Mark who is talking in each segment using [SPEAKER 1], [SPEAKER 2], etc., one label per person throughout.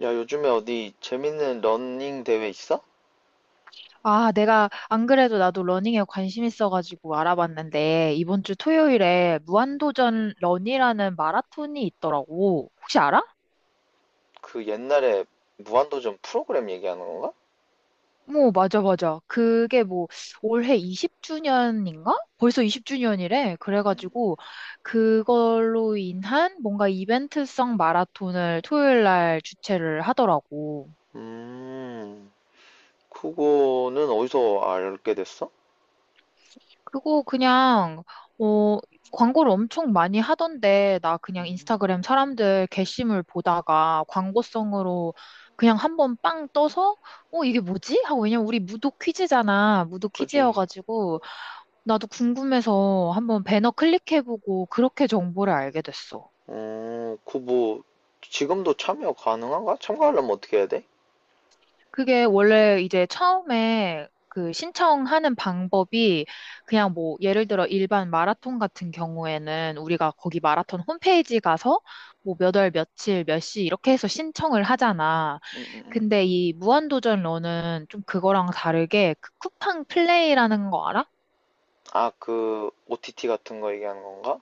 [SPEAKER 1] 야, 요즘에 어디 재밌는 러닝 대회 있어?
[SPEAKER 2] 아, 내가 안 그래도 나도 러닝에 관심 있어가지고 알아봤는데 이번 주 토요일에 무한도전 런이라는 마라톤이 있더라고. 혹시 알아?
[SPEAKER 1] 그 옛날에 무한도전 프로그램 얘기하는 건가?
[SPEAKER 2] 뭐, 맞아, 맞아. 그게 뭐 올해 20주년인가? 벌써 20주년이래. 그래가지고 그걸로 인한 뭔가 이벤트성 마라톤을 토요일 날 주최를 하더라고.
[SPEAKER 1] 음, 그거는 어디서 알게 됐어?
[SPEAKER 2] 그거 그냥, 어, 광고를 엄청 많이 하던데, 나 그냥 인스타그램 사람들 게시물 보다가 광고성으로 그냥 한번 빵 떠서, 이게 뭐지? 하고, 왜냐면 우리 무도 퀴즈잖아. 무도
[SPEAKER 1] 그지?
[SPEAKER 2] 퀴즈여가지고, 나도 궁금해서 한번 배너 클릭해보고, 그렇게 정보를 알게 됐어.
[SPEAKER 1] 어, 그 뭐, 지금도 참여 가능한가? 참가하려면 어떻게 해야 돼?
[SPEAKER 2] 그게 원래 이제 처음에 그 신청하는 방법이 그냥 뭐 예를 들어 일반 마라톤 같은 경우에는 우리가 거기 마라톤 홈페이지 가서 뭐 몇 월 며칠 몇 시 이렇게 해서 신청을 하잖아.
[SPEAKER 1] 음, 음, 음.
[SPEAKER 2] 근데 이 무한도전 러는 좀 그거랑 다르게 그 쿠팡 플레이라는 거 알아?
[SPEAKER 1] 아, 그, OTT 같은 거 얘기하는 건가?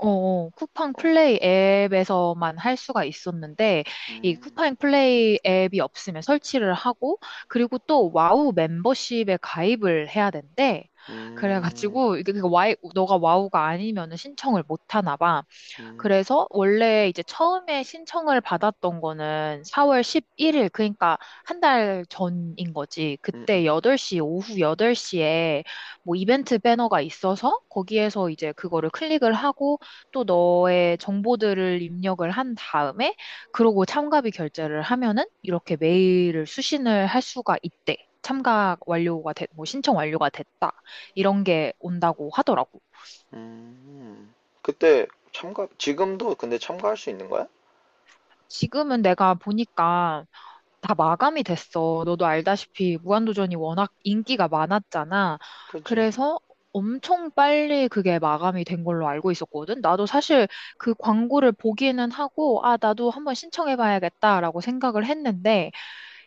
[SPEAKER 2] 어, 어. 쿠팡
[SPEAKER 1] 어,
[SPEAKER 2] 플레이 앱에서만 할 수가 있었는데, 이
[SPEAKER 1] 음,
[SPEAKER 2] 쿠팡 플레이 앱이 없으면 설치를 하고, 그리고 또 와우 멤버십에 가입을 해야 된대.
[SPEAKER 1] 음,
[SPEAKER 2] 그래가지고, 이게 그 너가 와우가 아니면 신청을 못 하나 봐.
[SPEAKER 1] 음,
[SPEAKER 2] 그래서 원래 이제 처음에 신청을 받았던 거는 4월 11일, 그러니까 한 달 전인 거지.
[SPEAKER 1] 음, 음,
[SPEAKER 2] 그때 여덟 시 오후 8시에 뭐 이벤트 배너가 있어서 거기에서 이제 그거를 클릭을 하고 또 너의 정보들을 입력을 한 다음에 그러고 참가비 결제를 하면은 이렇게 메일을 수신을 할 수가 있대. 뭐 신청 완료가 됐다. 이런 게 온다고 하더라고.
[SPEAKER 1] 음. 그때 참가, 지금도 근데 참가할 수 있는 거야?
[SPEAKER 2] 지금은 내가 보니까 다 마감이 됐어. 너도 알다시피 무한도전이 워낙 인기가 많았잖아.
[SPEAKER 1] 그지,
[SPEAKER 2] 그래서 엄청 빨리 그게 마감이 된 걸로 알고 있었거든. 나도 사실 그 광고를 보기는 하고, 아, 나도 한번 신청해봐야겠다라고 생각을 했는데,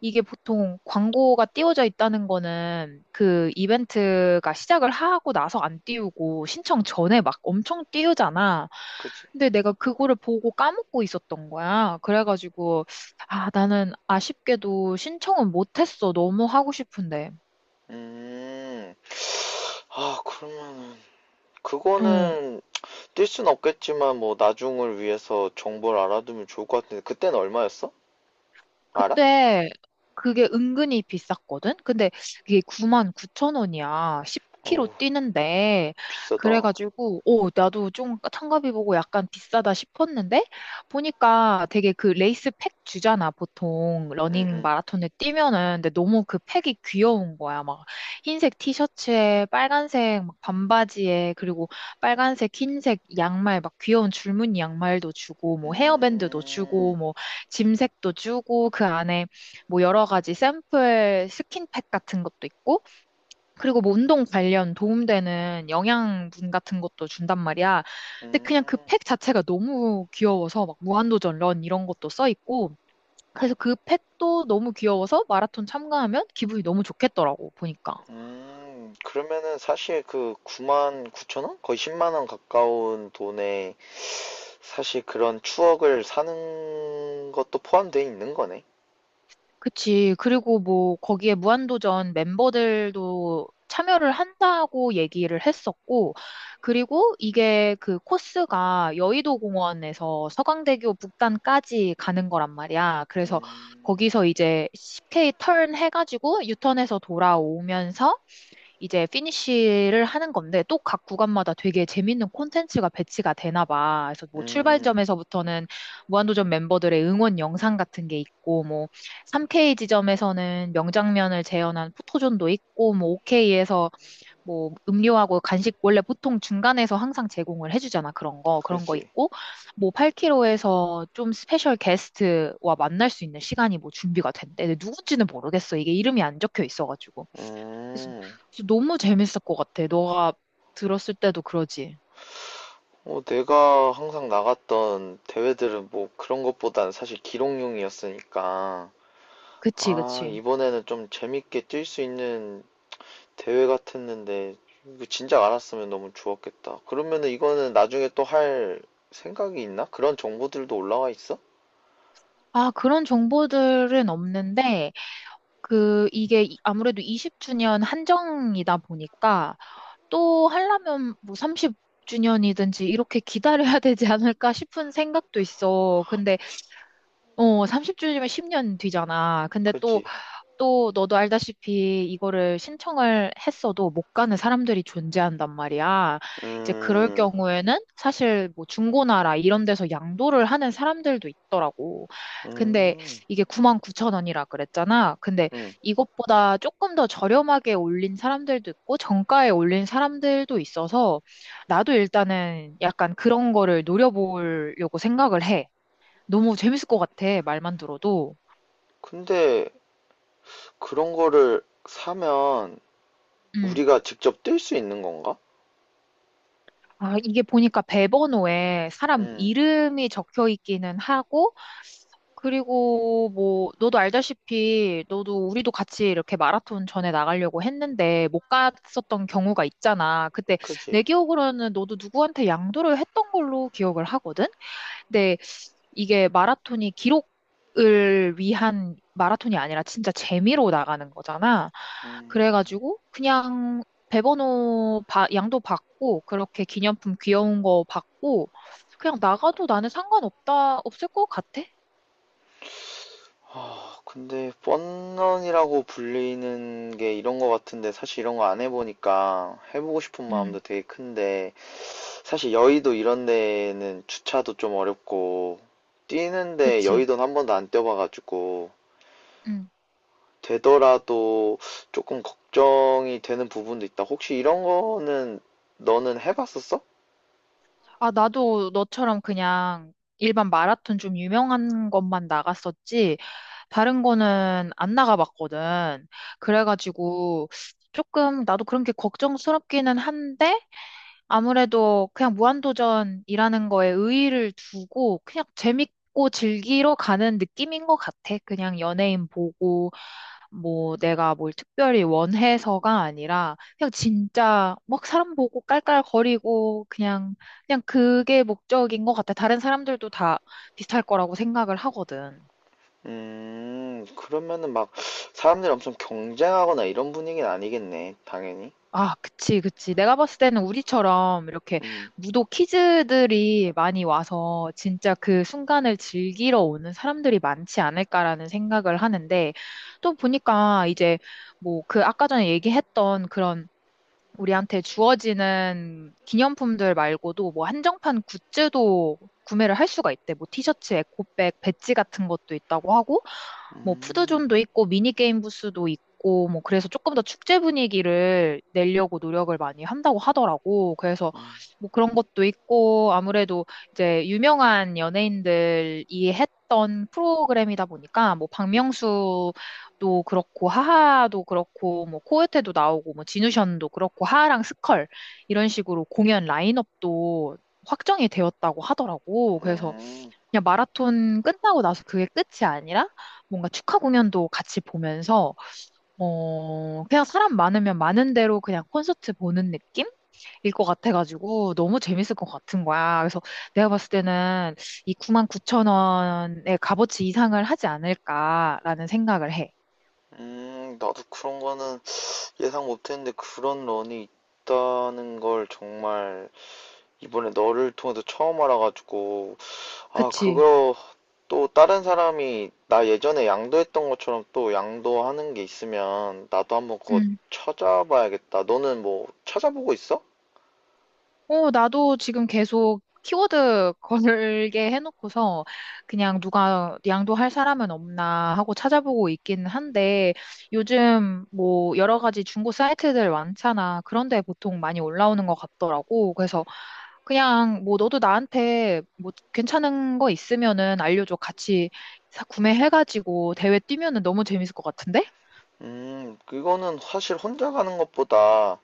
[SPEAKER 2] 이게 보통 광고가 띄워져 있다는 거는 그 이벤트가 시작을 하고 나서 안 띄우고 신청 전에 막 엄청 띄우잖아.
[SPEAKER 1] 그지.
[SPEAKER 2] 근데 내가 그거를 보고 까먹고 있었던 거야. 그래가지고, 아, 나는 아쉽게도 신청은 못했어. 너무 하고 싶은데.
[SPEAKER 1] 음. 아, 그러면은
[SPEAKER 2] 어,
[SPEAKER 1] 그거는 뛸 순 없겠지만 뭐 나중을 위해서 정보를 알아두면 좋을 것 같은데 그때는 얼마였어? 알아?
[SPEAKER 2] 그때 그게 은근히 비쌌거든? 근데 그게 9만 0천 원이야. 1 0 k 로
[SPEAKER 1] 어우,
[SPEAKER 2] 뛰는데.
[SPEAKER 1] 비싸다.
[SPEAKER 2] 그래가지고, 오, 나도 좀 참가비 보고 약간 비싸다 싶었는데, 보니까 되게 그 레이스 팩 주잖아. 보통 러닝
[SPEAKER 1] 으응..
[SPEAKER 2] 마라톤에 뛰면은. 근데 너무 그 팩이 귀여운 거야. 막 흰색 티셔츠에 빨간색 막 반바지에, 그리고 빨간색, 흰색 양말, 막 귀여운 줄무늬 양말도 주고,
[SPEAKER 1] 응
[SPEAKER 2] 뭐 헤어밴드도 주고, 뭐 짐색도 주고 그 안에 뭐 여러 가지 샘플 스킨팩 같은 것도 있고 그리고 뭐 운동 관련 도움되는 영양분 같은 것도 준단 말이야. 근데 그냥 그
[SPEAKER 1] 음,
[SPEAKER 2] 팩 자체가 너무 귀여워서 막 무한도전 런 이런 것도 써 있고 그래서 그 팩도 너무 귀여워서 마라톤 참가하면 기분이 너무 좋겠더라고 보니까.
[SPEAKER 1] 그러면은 사실 그 9만 9천 원? 거의 10만 원 가까운 돈에 사실 그런 추억을 사는 것도 포함되어 있는 거네.
[SPEAKER 2] 그치. 그리고 뭐, 거기에 무한도전 멤버들도 참여를 한다고 얘기를 했었고, 그리고 이게 그 코스가 여의도 공원에서 서강대교 북단까지 가는 거란 말이야. 그래서
[SPEAKER 1] 음,
[SPEAKER 2] 거기서 이제 10K 턴 해가지고 유턴해서 돌아오면서 이제 피니쉬를 하는 건데 또 각 구간마다 되게 재밌는 콘텐츠가 배치가 되나 봐. 그래서 뭐
[SPEAKER 1] 음,
[SPEAKER 2] 출발점에서부터는 무한도전 멤버들의 응원 영상 같은 게 있고 뭐 3K 지점에서는 명장면을 재현한 포토존도 있고 뭐 5K에서 뭐 음료하고 간식 원래 보통 중간에서 항상 제공을 해주잖아. 그런 거
[SPEAKER 1] 그렇지.
[SPEAKER 2] 있고 뭐 8km에서 좀 스페셜 게스트와 만날 수 있는 시간이 뭐 준비가 된대. 근데 누군지는 모르겠어. 이게 이름이 안 적혀 있어가지고. 그래서,
[SPEAKER 1] 음.
[SPEAKER 2] 그래서 너무 재밌을 것 같아. 너가 들었을 때도 그러지.
[SPEAKER 1] 어, 내가 항상 나갔던 대회들은 뭐 그런 것보단 사실 기록용이었으니까,
[SPEAKER 2] 그치,
[SPEAKER 1] 아,
[SPEAKER 2] 그치.
[SPEAKER 1] 이번에는 좀 재밌게 뛸 수 있는 대회 같았는데, 이거 진작 알았으면 너무 좋았겠다. 그러면은 이거는 나중에 또 할 생각이 있나? 그런 정보들도 올라와 있어?
[SPEAKER 2] 아, 그런 정보들은 없는데, 그, 아무래도 20주년 한정이다 보니까, 또 하려면 뭐 30주년이든지 이렇게 기다려야 되지 않을까 싶은 생각도 있어. 근데, 30주년이면 10년 뒤잖아. 근데
[SPEAKER 1] 그지?
[SPEAKER 2] 또 너도 알다시피 이거를 신청을 했어도 못 가는 사람들이 존재한단 말이야. 이제 그럴
[SPEAKER 1] 음,
[SPEAKER 2] 경우에는 사실 뭐 중고나라 이런 데서 양도를 하는 사람들도 있더라고. 근데
[SPEAKER 1] 음,
[SPEAKER 2] 이게 99,000원이라 그랬잖아. 근데
[SPEAKER 1] 음.
[SPEAKER 2] 이것보다 조금 더 저렴하게 올린 사람들도 있고 정가에 올린 사람들도 있어서 나도 일단은 약간 그런 거를 노려보려고 생각을 해. 너무 재밌을 것 같아. 말만 들어도.
[SPEAKER 1] 근데 그런 거를 사면
[SPEAKER 2] 음.
[SPEAKER 1] 우리가 직접 뛸 수 있는 건가?
[SPEAKER 2] 아, 이게 보니까 배번호에 사람
[SPEAKER 1] 음,
[SPEAKER 2] 이름이 적혀 있기는 하고, 그리고 뭐, 너도 알다시피, 너도 우리도 같이 이렇게 마라톤 전에 나가려고 했는데, 못 갔었던 경우가 있잖아. 그때 내
[SPEAKER 1] 그지?
[SPEAKER 2] 기억으로는 너도 누구한테 양도를 했던 걸로 기억을 하거든? 근데 이게 마라톤이 기록을 위한 마라톤이 아니라 진짜 재미로 나가는 거잖아. 그래가지고 그냥 배번호 양도 받고 그렇게 기념품 귀여운 거 받고 그냥 나가도 나는 상관없다 없을 것 같아.
[SPEAKER 1] 아, 근데 뻔런이라고 불리는 게 이런 거 같은데 사실 이런 거 안 해보니까 해보고 싶은
[SPEAKER 2] 응,
[SPEAKER 1] 마음도 되게 큰데 사실 여의도 이런 데는 주차도 좀 어렵고 뛰는데
[SPEAKER 2] 그치.
[SPEAKER 1] 여의도는 한 번도 안 뛰어봐가지고
[SPEAKER 2] 응.
[SPEAKER 1] 되더라도 조금 걱정이 되는 부분도 있다. 혹시 이런 거는 너는 해봤었어?
[SPEAKER 2] 아, 나도 너처럼 그냥 일반 마라톤 좀 유명한 것만 나갔었지, 다른 거는 안 나가봤거든. 그래가지고, 조금, 나도 그런 게 걱정스럽기는 한데, 아무래도 그냥 무한도전이라는 거에 의의를 두고 그냥 재밌고 즐기러 가는 느낌인 것 같아. 그냥 연예인 보고 뭐 내가 뭘 특별히 원해서가 아니라 그냥 진짜 막 사람 보고 깔깔거리고 그냥 그게 목적인 것 같아. 다른 사람들도 다 비슷할 거라고 생각을 하거든.
[SPEAKER 1] 그러면은 막 사람들이 엄청 경쟁하거나 이런 분위기는 아니겠네, 당연히.
[SPEAKER 2] 아, 그치, 그치. 내가 봤을 때는 우리처럼 이렇게
[SPEAKER 1] 음,
[SPEAKER 2] 무도 키즈들이 많이 와서 진짜 그 순간을 즐기러 오는 사람들이 많지 않을까라는 생각을 하는데 또 보니까 이제 뭐 그 아까 전에 얘기했던 그런 우리한테 주어지는 기념품들 말고도 뭐 한정판 굿즈도 구매를 할 수가 있대. 뭐 티셔츠, 에코백, 배지 같은 것도 있다고 하고, 뭐
[SPEAKER 1] 음.
[SPEAKER 2] 푸드존도 있고, 미니게임 부스도 있고, 뭐 그래서 조금 더 축제 분위기를 내려고 노력을 많이 한다고 하더라고. 그래서 뭐 그런 것도 있고, 아무래도 이제 유명한 연예인들이 했던 프로그램이다 보니까, 뭐 박명수 도 그렇고 하하도 그렇고 뭐 코요테도 나오고 뭐 진우션도 그렇고 하하랑 스컬 이런 식으로 공연 라인업도 확정이 되었다고 하더라고. 그래서
[SPEAKER 1] 음,
[SPEAKER 2] 그냥 마라톤 끝나고 나서 그게 끝이 아니라 뭔가 축하 공연도 같이 보면서 그냥 사람 많으면 많은 대로 그냥 콘서트 보는 느낌? 일 것 같아가지고 너무 재밌을 것 같은 거야. 그래서 내가 봤을 때는 이 99,000원의 값어치 이상을 하지 않을까라는 생각을 해.
[SPEAKER 1] 나도 그런 거는 예상 못했는데 그런 런이 있다는 걸 정말 이번에 너를 통해서 처음 알아가지고 아
[SPEAKER 2] 그치?
[SPEAKER 1] 그거 또 다른 사람이 나 예전에 양도했던 것처럼 또 양도하는 게 있으면 나도 한번 그거
[SPEAKER 2] 음.
[SPEAKER 1] 찾아봐야겠다. 너는 뭐 찾아보고 있어?
[SPEAKER 2] 어, 나도 지금 계속 키워드 걸게 해놓고서 그냥 누가 양도할 사람은 없나 하고 찾아보고 있긴 한데 요즘 뭐 여러 가지 중고 사이트들 많잖아. 그런데 보통 많이 올라오는 것 같더라고. 그래서 그냥 뭐 너도 나한테 뭐 괜찮은 거 있으면은 알려줘. 같이 구매해가지고 대회 뛰면은 너무 재밌을 것 같은데?
[SPEAKER 1] 그거는 사실 혼자 가는 것보다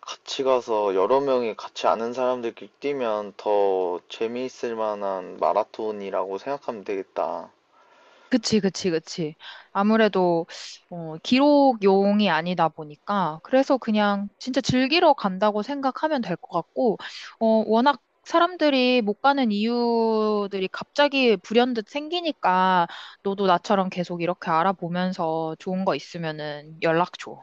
[SPEAKER 1] 같이 가서 여러 명이 같이 아는 사람들끼리 뛰면 더 재미있을 만한 마라톤이라고 생각하면 되겠다.
[SPEAKER 2] 그치, 그치, 그치. 아무래도, 기록용이 아니다 보니까, 그래서 그냥 진짜 즐기러 간다고 생각하면 될 것 같고, 워낙 사람들이 못 가는 이유들이 갑자기 불현듯 생기니까, 너도 나처럼 계속 이렇게 알아보면서 좋은 거 있으면은 연락 줘.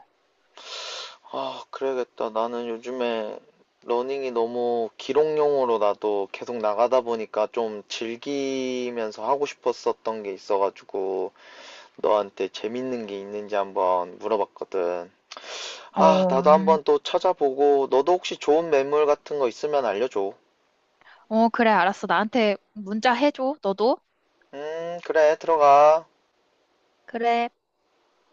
[SPEAKER 1] 아, 그래야겠다. 나는 요즘에 러닝이 너무 기록용으로 나도 계속 나가다 보니까 좀 즐기면서 하고 싶었었던 게 있어가지고 너한테 재밌는 게 있는지 한번 물어봤거든. 아,
[SPEAKER 2] 어,
[SPEAKER 1] 나도 한번 또 찾아보고 너도 혹시 좋은 매물 같은 거 있으면 알려줘.
[SPEAKER 2] 어, 그래, 알았어. 나한테 문자 해줘, 너도.
[SPEAKER 1] 그래, 들어가.
[SPEAKER 2] 그래.